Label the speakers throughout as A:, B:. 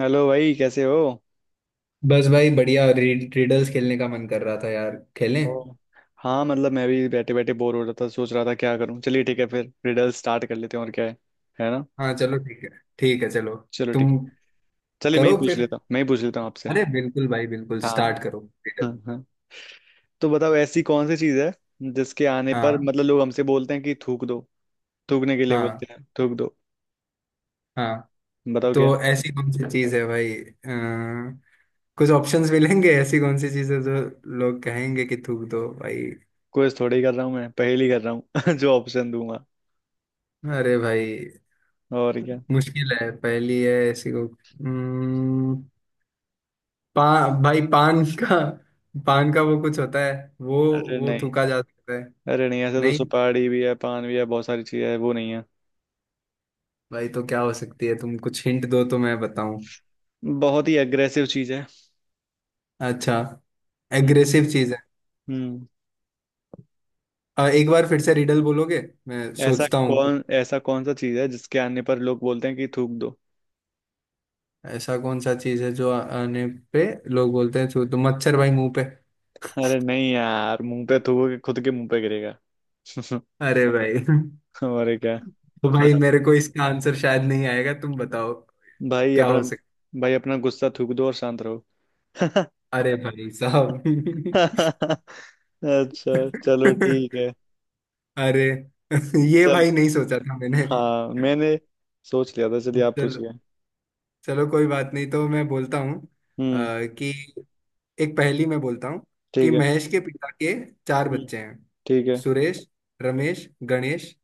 A: Hello भाई, कैसे हो?
B: बस भाई बढ़िया रिडल्स खेलने का मन कर रहा था यार। खेलें?
A: ओ। हाँ, मतलब मैं भी बैठे बैठे बोर हो रहा था, सोच रहा था क्या करूँ। चलिए ठीक है, फिर रिडल स्टार्ट कर लेते हैं, और क्या है। है ना।
B: हाँ चलो, ठीक है। ठीक है, चलो।
A: चलो ठीक है।
B: तुम
A: चलिए मैं ही
B: करो
A: पूछ
B: फिर।
A: लेता हूँ, मैं ही पूछ लेता हूँ आपसे।
B: अरे बिल्कुल भाई, बिल्कुल
A: हाँ,
B: स्टार्ट करो
A: हाँ,
B: रिडल।
A: हाँ। तो बताओ, ऐसी कौन सी चीज़ है, जिसके आने पर
B: हाँ
A: मतलब लोग हमसे बोलते हैं कि थूक दो। थूकने के लिए बोलते
B: हाँ।
A: हैं थूक दो।
B: हाँ,
A: बताओ क्या।
B: तो ऐसी कौन सी चीज़ है भाई, कुछ ऑप्शंस मिलेंगे। ऐसी कौन सी चीज़ है जो लोग कहेंगे कि थूक दो भाई?
A: क्विज थोड़ी कर रहा हूँ मैं, पहेली कर रहा हूँ। जो ऑप्शन दूंगा।
B: अरे भाई,
A: और क्या।
B: मुश्किल है, पहली है ऐसी को। हम्म, भाई, पान का। पान का वो कुछ होता है वो।
A: अरे
B: वो
A: नहीं।
B: थूका जा सकता है।
A: अरे नहीं, ऐसे तो
B: नहीं
A: सुपारी भी है, पान भी है, बहुत सारी चीज़ें है, वो नहीं है।
B: भाई, तो क्या हो सकती है? तुम कुछ हिंट दो तो मैं बताऊं।
A: बहुत ही अग्रेसिव चीज़ है।
B: अच्छा,
A: हम्म।
B: एग्रेसिव चीज है।
A: हम्म।
B: एक बार फिर से रिडल बोलोगे, मैं
A: ऐसा
B: सोचता हूँ कुछ।
A: कौन ऐसा कौन सा चीज है जिसके आने पर लोग बोलते हैं कि थूक दो।
B: ऐसा कौन सा चीज है जो आने पे लोग बोलते हैं? छू तो मच्छर भाई मुंह पे।
A: अरे नहीं यार, मुंह पे थूकोगे खुद के मुंह पे गिरेगा।
B: अरे भाई
A: और क्या।
B: तो भाई, मेरे को इसका आंसर शायद नहीं आएगा, तुम बताओ
A: भाई
B: क्या
A: अपना।
B: हो सकता।
A: भाई अपना गुस्सा थूक दो और शांत रहो।
B: अरे भाई साहब
A: अच्छा चलो ठीक है।
B: अरे ये
A: चल।
B: भाई नहीं सोचा था मैंने।
A: हाँ मैंने सोच लिया था। चलिए आप
B: चलो,
A: पूछिए।
B: चलो कोई बात नहीं, तो मैं बोलता हूँ।
A: हम्म।
B: कि एक पहेली मैं बोलता हूँ कि
A: ठीक है।
B: महेश के पिता के चार
A: हम्म,
B: बच्चे हैं,
A: ठीक है।
B: सुरेश, रमेश, गणेश,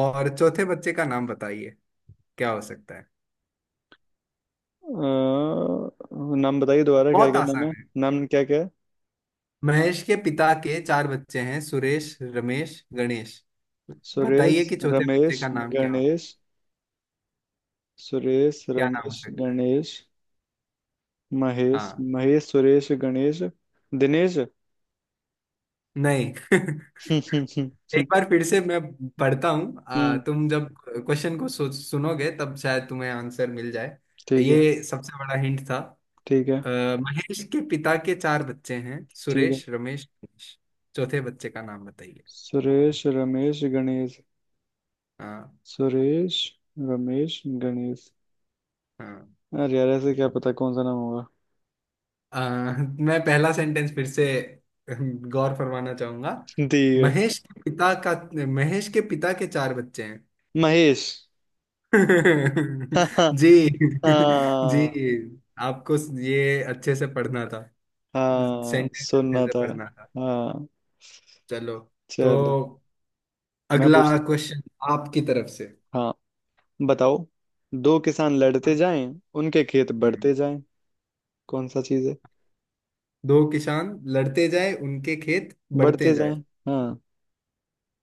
B: और चौथे बच्चे का नाम बताइए। क्या हो सकता है?
A: अ, नाम बताइए दोबारा, क्या
B: बहुत
A: क्या
B: आसान
A: नाम है।
B: है।
A: नाम क्या क्या है।
B: महेश के पिता के चार बच्चे हैं, सुरेश, रमेश, गणेश।
A: सुरेश
B: बताइए कि चौथे बच्चे
A: रमेश
B: का नाम क्या होगा।
A: गणेश। सुरेश
B: क्या नाम हो
A: रमेश
B: सकता है?
A: गणेश। महेश
B: हाँ।
A: महेश सुरेश गणेश। दिनेश।
B: नहीं एक बार फिर से मैं पढ़ता हूँ,
A: हम्म।
B: तुम जब क्वेश्चन को सुनोगे तब शायद तुम्हें आंसर मिल जाए।
A: ठीक है।
B: ये सबसे बड़ा हिंट था।
A: ठीक है।
B: अ, महेश के पिता के चार बच्चे हैं,
A: ठीक है।
B: सुरेश, रमेश, मनीष। चौथे बच्चे का नाम बताइए।
A: सुरेश रमेश गणेश।
B: हाँ।
A: सुरेश रमेश गणेश।
B: हाँ।
A: अरे यार, ऐसे क्या पता कौन सा नाम होगा।
B: अ, मैं पहला सेंटेंस फिर से गौर फरमाना चाहूंगा।
A: ठीक है।
B: महेश के पिता का महेश के पिता के चार बच्चे हैं।
A: महेश। हाँ।
B: जी।
A: हाँ।
B: जी, आपको ये अच्छे से पढ़ना था,
A: हाँ
B: सेंटेंस अच्छे
A: सुनना
B: से
A: था।
B: पढ़ना था।
A: हाँ।
B: चलो, तो
A: चलो। मैं
B: अगला
A: पूछता
B: क्वेश्चन आपकी तरफ से।
A: हूँ। हाँ बताओ। दो किसान लड़ते
B: हाँ।
A: जाएं, उनके खेत
B: हम्म।
A: बढ़ते जाएं। कौन सा चीज है।
B: दो किसान लड़ते जाए, उनके खेत बढ़ते
A: बढ़ते जाएं।
B: जाए।
A: हाँ।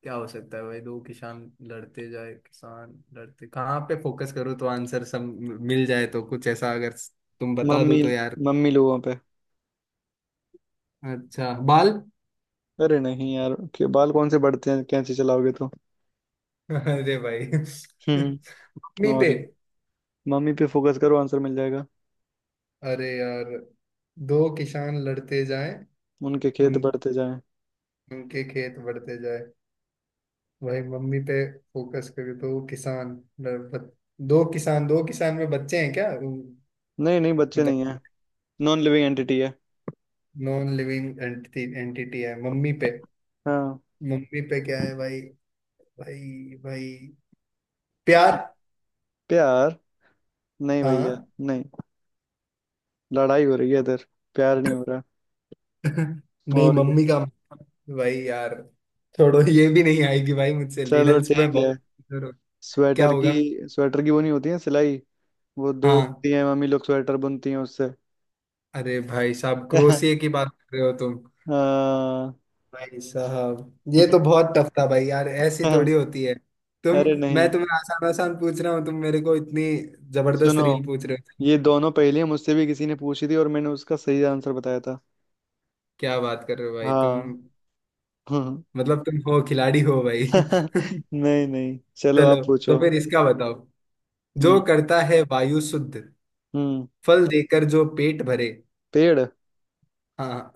B: क्या हो सकता है भाई? दो किसान लड़ते जाए, किसान लड़ते कहाँ पे फोकस करो तो आंसर सब मिल जाए, तो कुछ ऐसा अगर तुम बता दो
A: मम्मी।
B: तो यार।
A: मम्मी लोगों पे।
B: अच्छा, बाल
A: अरे नहीं यार, के बाल कौन से बढ़ते हैं, कैंची चलाओगे तो।
B: अरे भाई
A: हम्म।
B: मम्मी
A: और
B: पे?
A: क्या? मम्मी पे फोकस करो, आंसर मिल जाएगा।
B: अरे यार, दो किसान लड़ते जाए,
A: उनके खेत
B: उन
A: बढ़ते जाएं।
B: उनके खेत बढ़ते जाए। भाई, मम्मी पे फोकस करो। दो किसान लड़- दो किसान, दो किसान में बच्चे हैं क्या?
A: नहीं नहीं, बच्चे
B: मतलब
A: नहीं है। नॉन लिविंग एंटिटी है।
B: नॉन लिविंग एंटिटी एंटिटी है? मम्मी पे?
A: हाँ।
B: मम्मी पे क्या है भाई भाई भाई, प्यार?
A: प्यार। नहीं भैया।
B: हाँ
A: नहीं। लड़ाई हो रही है इधर, प्यार नहीं हो रहा।
B: नहीं,
A: और क्या।
B: मम्मी का। भाई यार, छोड़ो, ये भी नहीं आएगी भाई, मुझसे,
A: चलो
B: रिडल्स में
A: ठीक है।
B: बहुत कमजोर हो। क्या
A: स्वेटर की।
B: होगा?
A: स्वेटर की वो नहीं होती है सिलाई। वो दो
B: हाँ।
A: होती है, मम्मी लोग स्वेटर बुनती हैं उससे।
B: अरे भाई साहब, क्रोसिए की बात कर रहे हो तुम?
A: हाँ।
B: भाई साहब, ये तो बहुत टफ था भाई यार, ऐसी थोड़ी होती है तुम।
A: अरे
B: मैं
A: नहीं।
B: तुम्हें आसान आसान पूछ रहा हूँ, तुम मेरे को इतनी जबरदस्त
A: सुनो,
B: रील पूछ रहे हो।
A: ये दोनों पहेलियां मुझसे भी किसी ने पूछी थी, और मैंने उसका सही आंसर बताया था।
B: क्या बात कर रहे हो भाई तुम?
A: हाँ। हम्म।
B: मतलब तुम हो, खिलाड़ी हो भाई
A: नहीं नहीं, चलो
B: चलो,
A: आप
B: तो
A: पूछो।
B: फिर इसका बताओ। जो
A: हम्म।
B: करता है वायु शुद्ध,
A: हम्म।
B: फल देकर जो पेट भरे।
A: पेड़।
B: हाँ।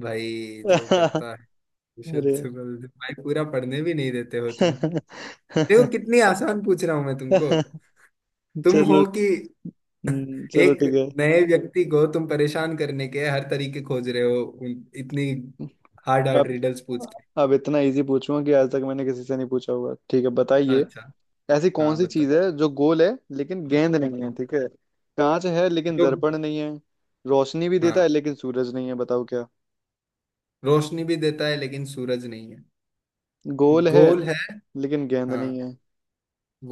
B: भाई, जो करता है शुद्ध
A: अरे।
B: फल भाई पूरा पढ़ने भी नहीं देते हो तुम। देखो कितनी आसान पूछ रहा हूं मैं तुमको, तुम
A: चलो।
B: हो कि
A: चलो
B: एक
A: ठीक है।
B: नए व्यक्ति को तुम परेशान करने के हर तरीके खोज रहे हो। इतनी हार्ड हार्ड
A: अब
B: रिडल्स पूछ के।
A: अब इतना इजी पूछूंगा कि आज तक मैंने किसी से नहीं पूछा होगा, ठीक है, बताइए।
B: अच्छा।
A: ऐसी कौन
B: हाँ
A: सी
B: बताइए।
A: चीज है जो गोल है, लेकिन गेंद नहीं है, ठीक है। कांच है लेकिन
B: जो।
A: दर्पण नहीं है। रोशनी भी देता है
B: हाँ,
A: लेकिन सूरज नहीं है। बताओ क्या।
B: रोशनी भी देता है लेकिन सूरज नहीं है।
A: गोल है
B: गोल है।
A: लेकिन गेंद
B: हाँ,
A: नहीं है।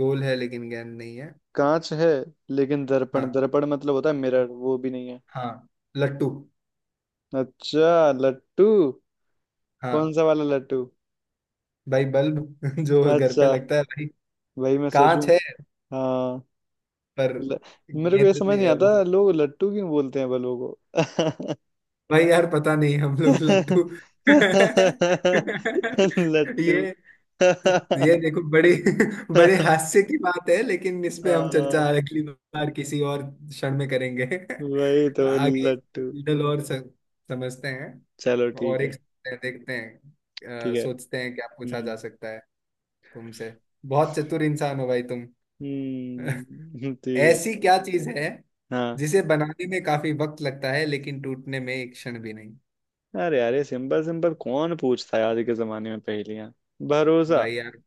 B: गोल है लेकिन गेंद नहीं है।
A: कांच है लेकिन दर्पण,
B: हाँ।
A: दर्पण मतलब होता है मिरर, वो भी नहीं है।
B: हाँ। लट्टू।
A: अच्छा लट्टू। कौन
B: हाँ,
A: सा वाला लट्टू।
B: भाई, बल्ब जो घर पे
A: अच्छा।
B: लगता है भाई।
A: वही मैं
B: कांच
A: सोचूं।
B: है
A: हाँ।
B: पर
A: ल... मेरे को ये
B: गेंद
A: समझ
B: नहीं
A: नहीं
B: है वो।
A: आता लोग लट्टू क्यों बोलते हैं बलों को।
B: भाई यार, पता नहीं, हम लोग लट्टू
A: लट्टू।
B: ये ये देखो, बड़े बड़े हास्य की बात है, लेकिन इस पे हम चर्चा
A: हाँ।
B: अगली बार किसी और क्षण में करेंगे।
A: वही तो।
B: आगे एक
A: लट्टू।
B: रिडल और समझते
A: चलो
B: हैं।
A: ठीक
B: और
A: है।
B: एक सोचते हैं, देखते हैं,
A: ठीक है।
B: सोचते हैं क्या पूछा जा
A: हम्म।
B: सकता है तुमसे। बहुत चतुर इंसान हो भाई तुम
A: हम्म। ठीक है।
B: ऐसी क्या चीज है
A: हाँ।
B: जिसे बनाने में काफी वक्त लगता है लेकिन टूटने में एक क्षण भी नहीं?
A: अरे अरे, सिंपल सिंपल कौन पूछता है आज के जमाने में पहेलियां। भरोसा।
B: भाई यार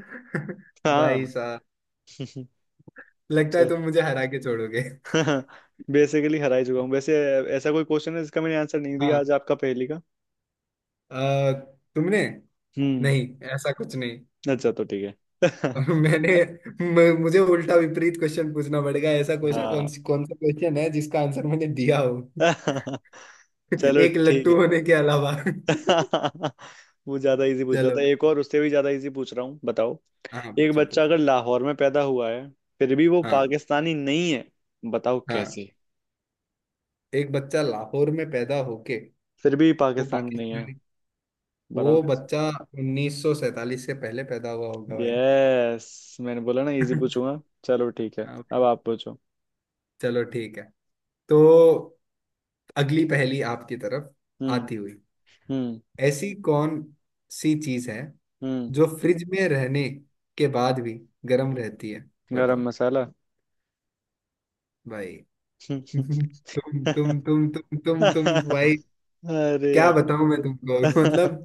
B: भाई
A: हाँ।
B: साहब, लगता है तुम मुझे हरा के छोड़ोगे
A: बेसिकली हरा ही चुका हूँ वैसे। ऐसा कोई क्वेश्चन है जिसका मैंने आंसर नहीं
B: हाँ।
A: दिया आज आपका पहेली का।
B: आ, तुमने।
A: हम्म।
B: नहीं, ऐसा कुछ नहीं।
A: अच्छा तो ठीक है।
B: मैंने मुझे उल्टा विपरीत क्वेश्चन पूछना पड़ेगा। ऐसा क्वेश्चन,
A: हाँ।
B: कौन सा क्वेश्चन है जिसका आंसर मैंने दिया हो।
A: चलो
B: एक
A: ठीक है।
B: लट्टू होने के अलावा
A: वो ज्यादा इजी पूछ रहा था,
B: चलो।
A: एक और उससे भी ज्यादा इजी पूछ रहा हूँ, बताओ।
B: हाँ
A: एक
B: पूछो,
A: बच्चा
B: पूछो।
A: अगर लाहौर में पैदा हुआ है, फिर भी वो
B: हाँ।
A: पाकिस्तानी नहीं है। बताओ
B: हाँ,
A: कैसे।
B: एक बच्चा लाहौर में पैदा होके
A: फिर भी
B: वो
A: पाकिस्तानी नहीं है।
B: पाकिस्तानी। वो
A: बताओ।
B: बच्चा 1947 से पहले पैदा हुआ होगा भाई।
A: यस, मैंने बोला ना इजी
B: हाँ
A: पूछूंगा। चलो ठीक है,
B: भाई,
A: अब आप पूछो।
B: चलो ठीक है। तो अगली पहेली आपकी तरफ
A: हम्म।
B: आती हुई।
A: हम्म।
B: ऐसी कौन सी चीज है
A: हम्म।
B: जो फ्रिज में रहने के बाद भी गर्म रहती है?
A: गरम
B: बताओ।
A: मसाला।
B: भाई तुम भाई,
A: अरे
B: क्या
A: यार।
B: बताऊं मैं तुमको मतलब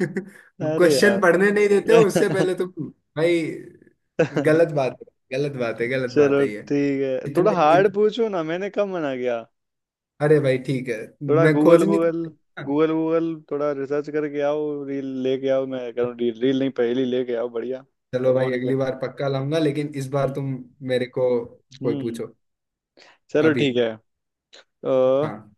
A: अरे यार।
B: क्वेश्चन पढ़ने नहीं देते हो उससे पहले तुम भाई। गलत बात है, गलत बात है, गलत बात
A: चलो
B: है ये।
A: ठीक है, थोड़ा
B: इतने
A: हार्ड पूछो ना, मैंने कब मना किया।
B: अरे भाई ठीक है।
A: थोड़ा
B: मैं
A: गूगल
B: खोज नहीं
A: गूगल।
B: सकता।
A: गूगल गूगल थोड़ा रिसर्च करके आओ, रील लेके आओ, मैं कह रहा हूँ, रील रील नहीं, पहेली लेके आओ, बढ़िया।
B: चलो भाई,
A: और क्या।
B: अगली बार पक्का लाऊंगा, लेकिन इस बार
A: हम्म।
B: तुम मेरे को कोई
A: हम्म।
B: पूछो
A: चलो
B: अभी।
A: ठीक है। तो
B: हाँ।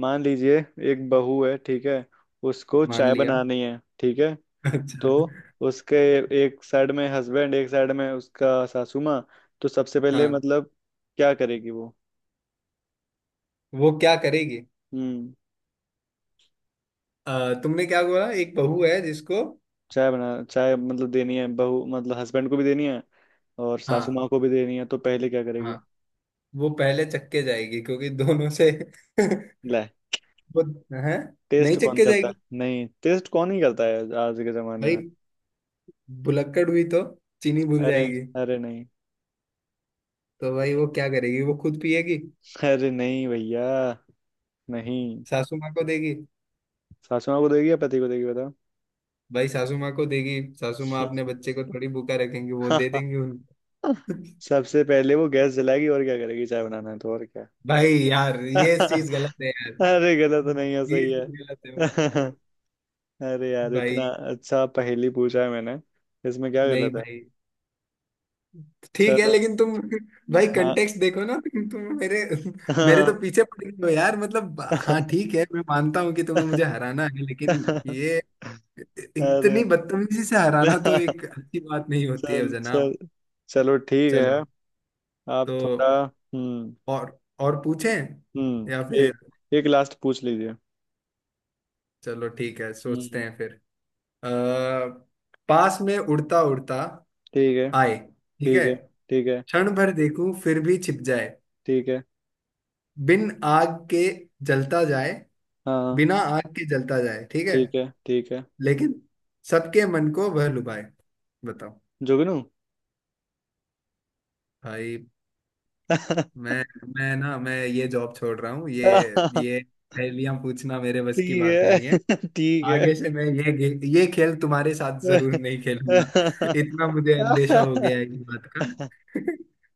A: मान लीजिए, एक बहू है, ठीक है, उसको
B: मान
A: चाय
B: लिया
A: बनानी है, ठीक है। तो
B: अच्छा।
A: उसके एक साइड में हस्बैंड, एक साइड में उसका सासू माँ। तो सबसे पहले
B: हाँ,
A: मतलब क्या करेगी वो।
B: वो क्या करेगी?
A: हम्म।
B: तुमने क्या बोला? एक बहू है जिसको।
A: चाय मतलब देनी है, बहू मतलब हस्बैंड को भी देनी है और सासू
B: हाँ।
A: माँ को भी देनी है, तो पहले क्या
B: हाँ।
A: करेगी।
B: वो पहले चक्के जाएगी, क्योंकि दोनों से
A: ले।
B: वो है, नहीं
A: टेस्ट कौन
B: चक्के
A: करता
B: जाएगी
A: है, नहीं टेस्ट कौन ही करता है आज के जमाने
B: भाई।
A: में।
B: भुलक्कड़ हुई तो चीनी भूल
A: अरे।
B: जाएगी।
A: अरे नहीं।
B: तो भाई वो क्या करेगी? वो खुद पिएगी।
A: अरे नहीं भैया। नहीं।
B: सासू माँ को देगी।
A: सासू माँ को देगी या पति को देगी।
B: भाई, सासू माँ को देगी, सासू माँ अपने
A: बताओ।
B: बच्चे को थोड़ी भूखा रखेंगी, वो दे देंगी उनको।
A: सबसे पहले वो गैस जलाएगी, और क्या करेगी, चाय बनाना है तो, और क्या।
B: भाई यार, ये चीज गलत है यार,
A: अरे गलत तो नहीं है,
B: ये
A: सही है।
B: चीज गलत है
A: अरे यार, इतना
B: भाई।
A: अच्छा पहेली पूछा है मैंने, इसमें क्या
B: नहीं
A: गलत है।
B: भाई, ठीक है
A: चलो।
B: लेकिन तुम। भाई
A: हाँ।
B: कंटेक्स्ट देखो ना तुम मेरे मेरे तो पीछे पड़ गए हो यार। मतलब, हाँ ठीक है, मैं मानता हूँ कि तुम्हें मुझे हराना है, लेकिन ये
A: अरे।
B: इतनी बदतमीजी से हराना तो
A: चल।
B: एक अच्छी बात नहीं होती है
A: चल।
B: जनाब।
A: चलो ठीक
B: चलो,
A: है।
B: तो
A: आप थोड़ा। हम्म।
B: और पूछें, या
A: हम्म।
B: फिर
A: एक एक लास्ट पूछ लीजिए।
B: चलो ठीक है, सोचते
A: हम्म।
B: हैं फिर। आ, पास में उड़ता उड़ता
A: ठीक है।
B: आए। ठीक है।
A: ठीक है। ठीक है।
B: क्षण भर देखूं फिर भी छिप जाए।
A: ठीक है।
B: बिन आग के जलता जाए
A: हाँ। हाँ।
B: बिना आग के जलता जाए, ठीक है,
A: ठीक है। ठीक है।
B: लेकिन सबके मन को वह लुभाए। बताओ।
A: जोगिनू।
B: भाई, मैं मैं ये जॉब छोड़ रहा हूँ। ये
A: ठीक
B: ये पहेलियां पूछना मेरे बस की बात
A: है।
B: नहीं है।
A: ठीक है।
B: आगे से मैं ये ये खेल तुम्हारे साथ जरूर नहीं खेलूंगा। इतना मुझे अंदेशा हो गया है इस बात का।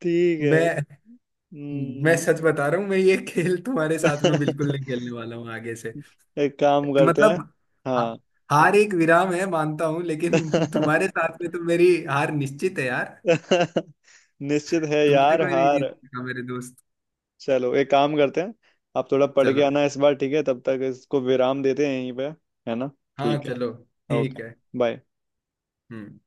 A: ठीक है।
B: मैं मैं
A: हम्म,
B: सच बता रहा हूँ, मैं ये खेल तुम्हारे साथ में बिल्कुल नहीं खेलने वाला हूँ आगे से।
A: एक काम करते
B: मतलब,
A: हैं।
B: हा-
A: हाँ।
B: हार एक विराम है मानता हूं, लेकिन तुम्हारे साथ में तो मेरी हार निश्चित है यार।
A: निश्चित है
B: तुमसे
A: यार
B: कोई नहीं
A: हार।
B: जीत सका मेरे दोस्त।
A: चलो एक काम करते हैं, आप थोड़ा पढ़ के
B: चलो।
A: आना इस बार, ठीक है, तब तक इसको विराम देते हैं यहीं पे। है ना।
B: हाँ
A: ठीक है।
B: चलो
A: ओके।
B: ठीक है।
A: बाय।
B: हम्म